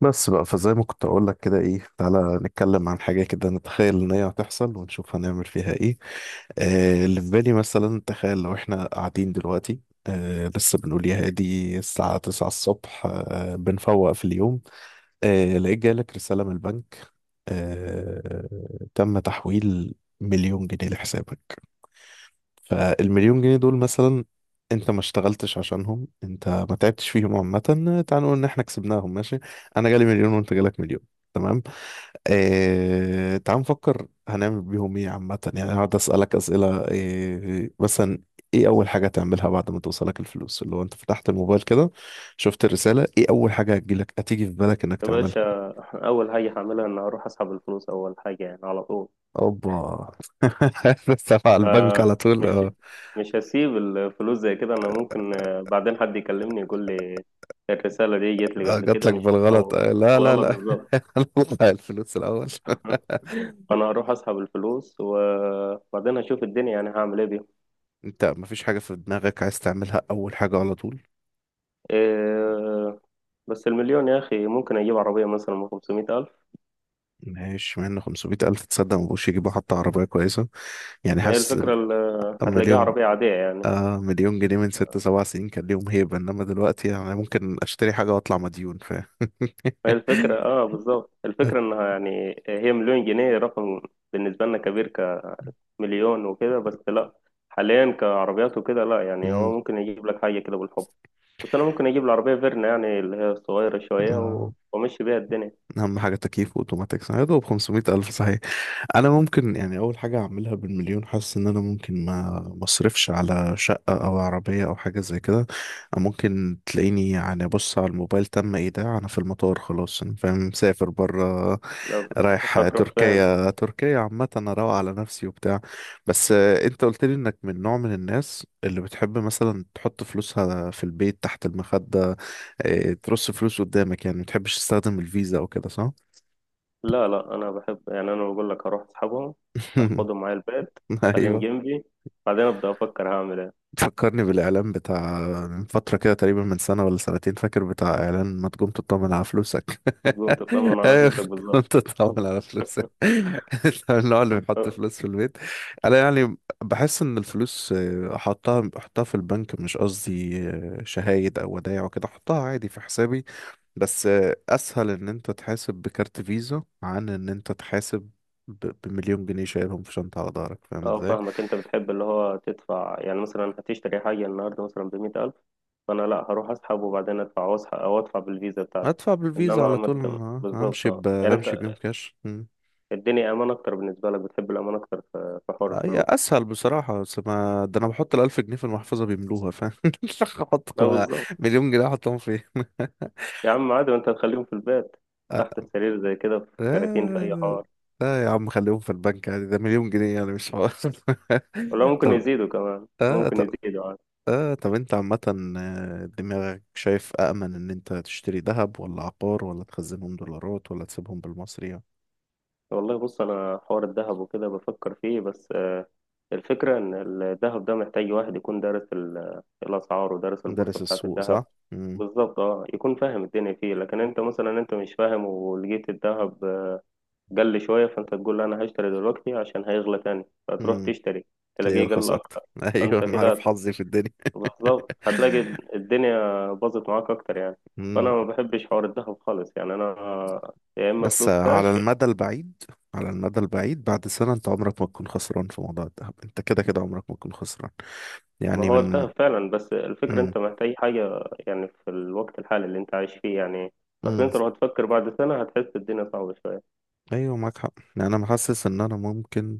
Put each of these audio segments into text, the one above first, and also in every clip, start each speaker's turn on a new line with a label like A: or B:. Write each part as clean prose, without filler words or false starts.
A: بس بقى، فزي ما كنت اقول لك كده، ايه، تعالى نتكلم عن حاجه كده، نتخيل ان هي هتحصل ونشوف هنعمل فيها ايه. اللي في بالي مثلا، تخيل لو احنا قاعدين دلوقتي. لسه بنقول يا هادي، الساعه 9 الصبح، بنفوق في اليوم. لقيت جالك رساله من البنك، تم تحويل مليون جنيه لحسابك. فالمليون جنيه دول مثلا، انت ما اشتغلتش عشانهم، انت ما تعبتش فيهم، عامة تعال نقول ان احنا كسبناهم، ماشي. انا جالي مليون وانت جالك مليون، تمام. اه... تعال نفكر هنعمل بيهم ايه، عامة يعني هقعد اسألك اسئلة مثلا ايه اول حاجة تعملها بعد ما توصلك الفلوس، اللي هو انت فتحت الموبايل كده، شفت الرسالة، ايه اول حاجة هتجيلك، هتيجي في بالك انك
B: يا
A: تعملها؟
B: باشا، أول حاجة هعملها إن أروح أسحب الفلوس. أول حاجة يعني على طول.
A: اوبا. بس على البنك على طول،
B: فمش
A: آه.
B: مش هسيب الفلوس زي كده. أنا ممكن بعدين حد يكلمني يقول لي الرسالة دي جت لي
A: اه،
B: قبل
A: جات
B: كده،
A: لك
B: مش
A: بالغلط
B: أو
A: آه، لا لا
B: الغلط
A: لا.
B: بالظبط.
A: هنطلع الفلوس الاول.
B: فأنا هروح أسحب الفلوس وبعدين هشوف الدنيا، يعني هعمل إيه بيهم.
A: انت مفيش حاجه في دماغك عايز تعملها اول حاجه على طول؟
B: إيه، بس المليون يا أخي، ممكن أجيب عربية مثلا من 500 ألف.
A: ماشي، مع ان 500 الف، تصدق، مبقوش يجيبوا حتى عربيه كويسه، يعني
B: ما هي
A: حاسس إن
B: الفكرة هتلاقيها
A: مليون
B: عربية عادية يعني.
A: آه مليون جنيه من ست سبع سنين كان ليهم هيبه، انما دلوقتي يعني ممكن اشتري حاجه واطلع مديون، فاهم؟
B: ما هي الفكرة بالظبط، الفكرة انها يعني هي مليون جنيه، رقم بالنسبة لنا كبير، مليون وكده بس لا. حاليا كعربيات وكده لا، يعني هو
A: أمم،
B: ممكن يجيب لك حاجة كده بالحب، بس أنا ممكن أجيب العربية فيرنا، يعني اللي هي الصغيرة شوية،
A: آه.
B: وأمشي بيها الدنيا.
A: اهم حاجه تكييف واوتوماتيك، يا دوب 500 الف، صحيح. انا ممكن يعني اول حاجه اعملها بالمليون، حاسس ان انا ممكن ما مصرفش على شقه او عربيه او حاجه زي كده. أو ممكن تلاقيني يعني، بص على الموبايل تم ايداع، انا في المطار خلاص، انا فاهم، مسافر بره،
B: لا،
A: رايح
B: هتروح فين؟
A: تركيا. تركيا عامه انا روق على نفسي وبتاع. بس انت قلت لي انك من نوع من الناس اللي بتحب مثلا تحط فلوسها في البيت تحت المخده، ترص فلوس قدامك يعني، ما بتحبش تستخدم الفيزا او كده، صح؟
B: لا لا، أنا بحب يعني، أنا بقول لك هروح أصحابهم، أخدهم معايا البيت، أخليهم
A: ايوه،
B: جنبي، بعدين أبدأ أفكر هعمل إيه.
A: تفكرني بالإعلان بتاع من فترة كده، تقريبا من سنة ولا سنتين، فاكر بتاع إعلان ما تقوم تطمن على فلوسك.
B: هتقوم تطمن على
A: أيوة،
B: فلوسك
A: تقوم
B: بالظبط.
A: تطمن على فلوسك. أنت من النوع اللي بيحط
B: أه
A: فلوس في البيت. أنا يعني بحس إن الفلوس أحطها في البنك، مش قصدي شهايد أو ودايع وكده، أحطها عادي في حسابي. بس أسهل إن أنت تحاسب بكارت فيزا عن إن أنت تحاسب بمليون جنيه شايلهم في شنطة على ظهرك، فاهم إزاي؟
B: فاهمك، أنت بتحب اللي هو تدفع، يعني مثلا هتشتري حاجة النهاردة مثلا بمية ألف. ما انا لا، هروح اسحب وبعدين ادفع، او اسحب او ادفع بالفيزا بتاعتي.
A: ادفع بالفيزا
B: انما
A: على
B: ما
A: طول،
B: أنت-
A: أنا
B: بالظبط اه، يعني
A: همشي بيهم
B: انت
A: كاش. مم.
B: الدنيا امان اكتر بالنسبه لك، بتحب الامان اكتر في حوار
A: هي
B: الفلوس.
A: اسهل بصراحه، بس ما ده انا بحط الالف جنيه في المحفظه بيملوها، فاهم؟ احط
B: لا بالظبط،
A: مليون جنيه احطهم فين؟
B: يا عم عادي، ما انت هتخليهم في البيت
A: لا
B: تحت السرير زي كده، في كراتين، في اي
A: لا
B: حوار.
A: لا، يا عم خليهم في البنك عادي، ده مليون جنيه يعني، مش حوار.
B: ولا ممكن
A: طب
B: يزيدوا كمان،
A: اه
B: ممكن
A: طب
B: يزيدوا عادي.
A: اه طب انت عامة، دماغك شايف أأمن إن أنت تشتري ذهب، ولا عقار، ولا تخزنهم دولارات، ولا تسيبهم بالمصري يعني؟
B: والله بص، انا حوار الذهب وكده بفكر فيه، بس الفكرة إن الذهب ده محتاج واحد يكون دارس الأسعار ودارس البورصة
A: دارس
B: بتاعة
A: السوق
B: الذهب.
A: صح؟ مم.
B: بالظبط اه، يكون فاهم الدنيا فيه، لكن انت مثلا انت مش فاهم، ولقيت الذهب قل شوية، فانت تقول لا، انا هشتري دلوقتي عشان هيغلى تاني، فتروح
A: مم.
B: تشتري
A: تلاقيه
B: تلاقيه قل
A: يرخص
B: أكتر.
A: اكتر.
B: فانت
A: ايوه، انا عارف
B: كده
A: حظي في الدنيا.
B: بالظبط هتلاقي الدنيا باظت معاك أكتر يعني. فأنا
A: مم.
B: ما بحبش حوار الذهب خالص يعني، أنا يا إما
A: بس
B: فلوس
A: على
B: كاش.
A: المدى البعيد على المدى البعيد بعد سنة انت عمرك ما تكون خسران في موضوع الذهب، انت كده كده عمرك ما تكون خسران،
B: ما
A: يعني
B: هو
A: من.
B: انتهى فعلا، بس الفكرة
A: مم.
B: انت محتاج حاجة يعني في الوقت الحالي اللي انت عايش فيه يعني. اصل
A: مم.
B: انت لو هتفكر بعد سنة هتحس الدنيا صعبة شوية.
A: ايوه، معاك حق، يعني انا محسس ان انا ممكن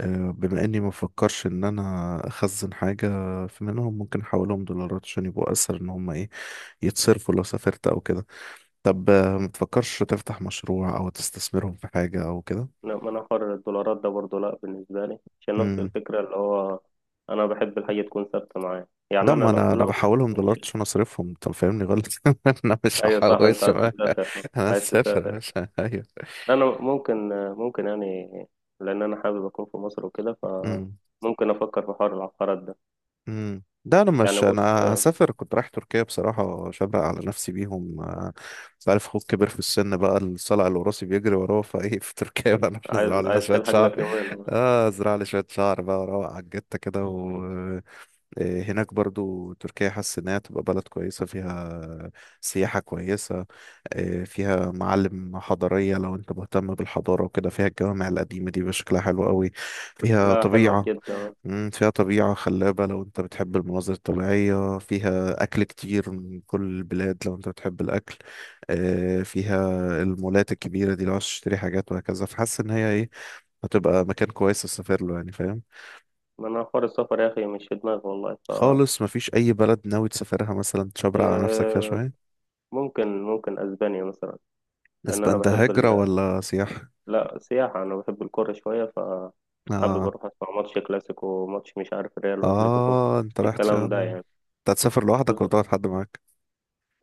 A: بما اني ما فكرش ان انا اخزن حاجة، في منهم ممكن احولهم دولارات عشان يبقوا اسهل ان هم ايه، يتصرفوا لو سافرت او كده. طب، ما تفكرش تفتح مشروع او تستثمرهم في حاجة او كده؟
B: لا، ما انا حر. الدولارات ده برضه لا بالنسبة لي، عشان نفس الفكرة، اللي هو انا بحب الحاجة تكون ثابتة معايا. يعني
A: ده
B: انا
A: ما انا
B: لو
A: انا
B: لو
A: بحولهم دولارات
B: مش-
A: عشان اصرفهم، انت فاهمني غلط. انا مش
B: ايوه صح، انت
A: هحوشهم.
B: عايز تسافر
A: انا
B: عايز
A: مسافر يا
B: تسافر،
A: باشا،
B: انا ممكن يعني لان انا حابب اكون في مصر وكده،
A: ايوه.
B: فممكن افكر في حوار العقارات ده.
A: ده انا
B: يعني
A: مش
B: بص،
A: هسافر، كنت رايح تركيا بصراحه، شبق على نفسي بيهم، آه. انت عارف اخوك كبر في السن بقى، الصلع الوراثي بيجري وراه، فايه في تركيا بقى؟ نروح نزرع
B: عايز
A: لنا
B: عايز
A: شويه
B: تلحق
A: شعر.
B: لك يومين.
A: اه، ازرع لي شويه شعر بقى، وروق على الجته كده، و هناك برضو تركيا حاسس انها تبقى بلد كويسه، فيها سياحه كويسه، فيها معالم حضاريه لو انت مهتم بالحضاره وكده، فيها الجوامع القديمه دي بشكلها حلو قوي، فيها
B: لا حلوة
A: طبيعه.
B: جدا.
A: فيها طبيعة خلابة لو انت بتحب المناظر الطبيعية، فيها أكل كتير من كل البلاد لو انت بتحب الأكل، فيها المولات الكبيرة دي لو عايز تشتري حاجات وهكذا، فحاسس إن هي ايه، هتبقى مكان كويس تسافر له، يعني فاهم.
B: ما انا حوار السفر يا اخي مش في دماغي والله. ف
A: خالص، مفيش أي بلد ناوي تسافرها مثلا تشبرق على نفسك فيها
B: آه،
A: شوية؟
B: ممكن اسبانيا مثلا، لان انا
A: اسبان ده
B: بحب
A: هجرة ولا سياحة؟
B: لا سياحه، انا بحب الكوره شويه، فحابب
A: آه،
B: اروح اسمع ماتش كلاسيكو وماتش مش عارف ريال واتليتيكو،
A: آه، انت رايح عشان
B: الكلام ده يعني.
A: انت هتسافر لوحدك ولا
B: بالظبط
A: تاخد حد معاك؟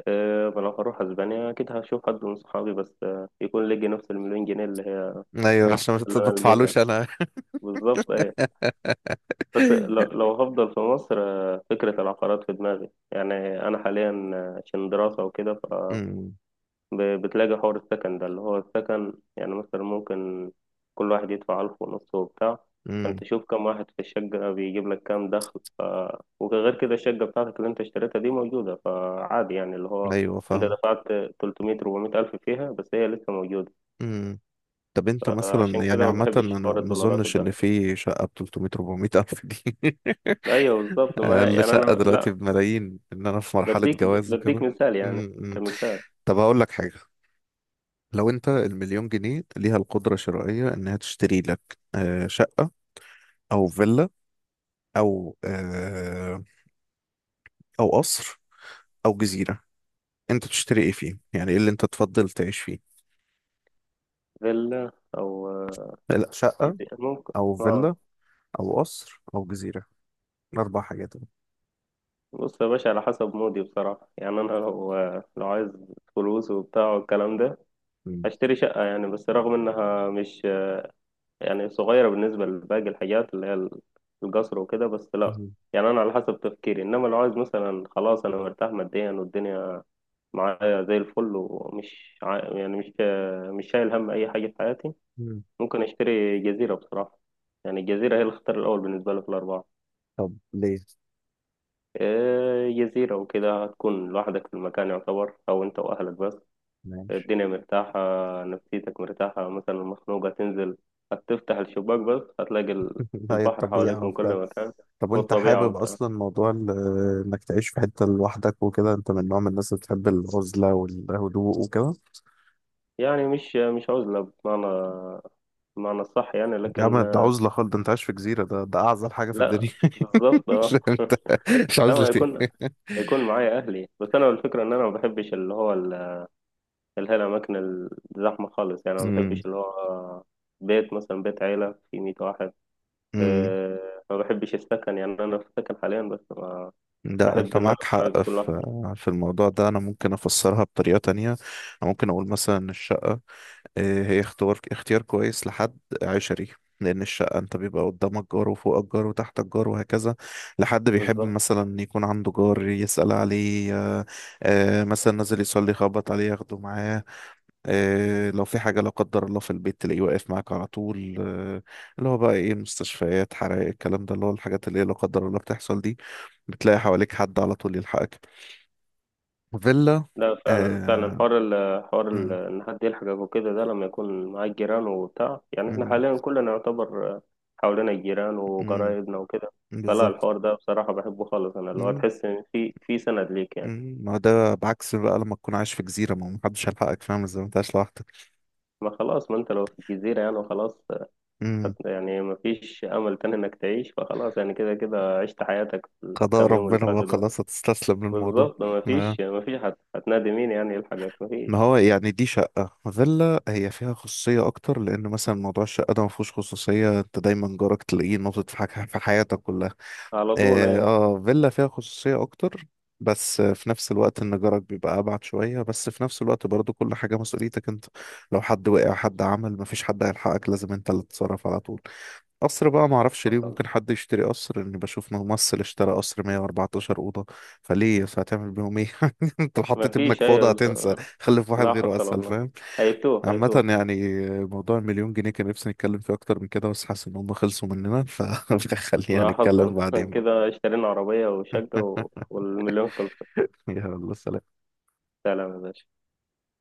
B: أه، ما لو هروح اسبانيا اكيد هشوف حد من صحابي، بس يكون لقي نفس المليون جنيه اللي هي
A: أيوة، عشان ما
B: اللي انا لقيتها.
A: تدفعلوش أنا.
B: بالظبط ايه، بس لو هفضل في مصر فكره العقارات في دماغي يعني. انا حاليا عشان دراسه وكده
A: مم،
B: بتلاقي حوار السكن ده، اللي هو السكن يعني مثلا ممكن كل واحد يدفع ألف ونص وبتاع.
A: مم،
B: فأنت شوف كم واحد في الشقة، بيجيب لك كام دخل. وغير كده الشقة بتاعتك اللي أنت اشتريتها دي موجودة، فعادي يعني اللي هو
A: أيوة
B: أنت
A: فاهم.
B: دفعت تلتمية ربعمية ألف فيها، بس هي لسه موجودة.
A: امم طب انت
B: فعشان
A: مثلا
B: كده
A: يعني
B: ما
A: عامة،
B: بحبش
A: انا
B: حوار
A: ما
B: الدولارات
A: اظنش ان
B: والدهب.
A: في شقة ب 300 400 الف دي.
B: أيوه بالظبط، ما هي
A: اقل
B: يعني أنا
A: شقة دلوقتي
B: لا،
A: بملايين، ان انا في مرحلة
B: بديك
A: جواز
B: بديك
A: وكده.
B: مثال يعني،
A: امم
B: كمثال.
A: طب، هقول لك حاجة. لو انت المليون جنيه ليها القدرة الشرائية انها تشتري لك، شقة او فيلا او او قصر او جزيرة، انت تشتري ايه فيه؟ يعني ايه اللي انت تفضل تعيش فيه؟
B: فيلا أو
A: لا شقة،
B: كده ممكن.
A: او
B: اه،
A: فيلا، او قصر او جزيرة، اربع حاجات.
B: بص يا باشا، على حسب مودي بصراحة. يعني أنا لو عايز فلوس وبتاع والكلام ده، هشتري شقة يعني، بس رغم إنها مش يعني صغيرة بالنسبة لباقي الحاجات اللي هي القصر وكده، بس لأ. يعني أنا على حسب تفكيري، إنما لو عايز مثلا خلاص، أنا مرتاح ماديا والدنيا معايا زي الفل، يعني مش شايل هم أي حاجة في حياتي،
A: مم.
B: ممكن أشتري جزيرة بصراحة. يعني الجزيرة هي الاختيار الأول بالنسبة لي في الأربعة.
A: طب ليه؟
B: جزيرة وكده، هتكون لوحدك في المكان يعتبر، أو أنت وأهلك بس.
A: ماشي.
B: الدنيا مرتاحة، نفسيتك مرتاحة، مثلا مخنوقة تنزل، هتفتح الشباك بس هتلاقي
A: هي
B: البحر حواليك
A: الطبيعة
B: من كل
A: وبتاع.
B: مكان.
A: طب، وانت
B: والطبيعة
A: حابب
B: وبتاع،
A: اصلا موضوع انك تعيش في حتة لوحدك وكده؟ انت من نوع من الناس اللي بتحب العزلة والهدوء وكده؟
B: يعني مش عزلة بمعنى الصح، يعني
A: يا عم
B: لكن
A: ده عزلة خالص، ده انت عايش في جزيرة، ده اعزل حاجة في
B: لا
A: الدنيا.
B: بالظبط
A: مش
B: اه
A: انت؟ مش
B: لا،
A: عزلة
B: ما يكون
A: ايه؟
B: يكون معايا أهلي بس. أنا الفكرة إن أنا ما بحبش اللي هو اللي هي الأماكن الزحمة خالص، يعني ما
A: امم
B: بحبش اللي هو بيت، مثلا بيت عيلة فيه 100 واحد.
A: امم
B: ما بحبش السكن، يعني أنا في سكن حاليا، بس
A: لا انت
B: بحب ان انا
A: معاك
B: اكون
A: حق
B: عازف
A: في
B: لوحدي.
A: في الموضوع ده، انا ممكن افسرها بطريقة تانية، انا ممكن اقول مثلا إن الشقة هي اختيار كويس لحد عشري، لأن الشقة أنت بيبقى قدامك جار وفوقك جار وتحتك جار وهكذا، لحد بيحب
B: بالظبط،
A: مثلا يكون عنده جار يسأل عليه، آه، مثلا نازل يصلي يخبط عليه ياخده معاه، لو في حاجة لا قدر الله في البيت تلاقيه واقف معاك على طول، اللي هو بقى إيه، المستشفيات، حرائق، الكلام ده، اللي هو الحاجات اللي هي لا قدر الله بتحصل دي، بتلاقي حواليك حد على طول يلحقك. فيلا.
B: لا فعلا فعلا،
A: آه،
B: حوار ال حوار ال
A: مم،
B: ان حد يلحقك وكده، ده لما يكون معاك جيران وبتاع. يعني احنا
A: مم،
B: حاليا كلنا يعتبر حوالينا الجيران
A: مم،
B: وقرايبنا وكده، فلا
A: بالظبط.
B: الحوار ده بصراحة بحبه خالص. انا اللي هو تحس ان في سند ليك يعني.
A: مم. ما هو ده بعكس بقى، لما تكون عايش في جزيرة ما هو محدش هيلحقك، فاهم ازاي؟ ما انت عايش لوحدك.
B: ما خلاص، ما انت لو في جزيرة يعني وخلاص،
A: مم.
B: يعني ما فيش امل تاني انك تعيش، فخلاص يعني كده كده عشت حياتك في
A: قضاء
B: الكام يوم اللي
A: ربنا بقى،
B: فاتوا ده.
A: خلاص هتستسلم للموضوع.
B: بالظبط، ما فيش
A: آه،
B: ما فيش هتنادي مين يعني يلحقك؟ ما
A: ما
B: فيش
A: هو يعني دي شقة، فيلا هي فيها خصوصية أكتر، لأن مثلا موضوع الشقة ده ما فيهوش خصوصية، أنت دايما جارك تلاقيه ناطط في حاجة في حياتك كلها.
B: على طول
A: اه،
B: يعني.
A: فيلا فيها خصوصية أكتر، بس في نفس الوقت ان جارك بيبقى ابعد شويه، بس في نفس الوقت برضو كل حاجه مسؤوليتك انت، لو حد وقع، حد عمل، مفيش حد هيلحقك، لازم انت اللي تتصرف على طول. قصر بقى معرفش ليه
B: حصل،
A: ممكن حد يشتري قصر، اني بشوف ممثل اشترى قصر 114 اوضه، فليه بس؟ هتعمل بيهم ايه؟ انت لو
B: ما
A: حطيت ابنك
B: فيش
A: في اوضه
B: أيوة، بس
A: هتنسى، خلف واحد
B: لا
A: غيره
B: حصل
A: اسهل،
B: والله،
A: فاهم؟
B: هيتوه
A: عامه
B: هيتوه.
A: يعني، موضوع المليون جنيه كان نفسي نتكلم فيه اكتر من كده، بس حاسس ان هم خلصوا مننا، فخلينا
B: لا
A: نتكلم
B: حصل
A: بعدين بقى.
B: كده اشترينا عربية وشقة والمليون خلص.
A: يلا سلام.
B: سلام يا باشا.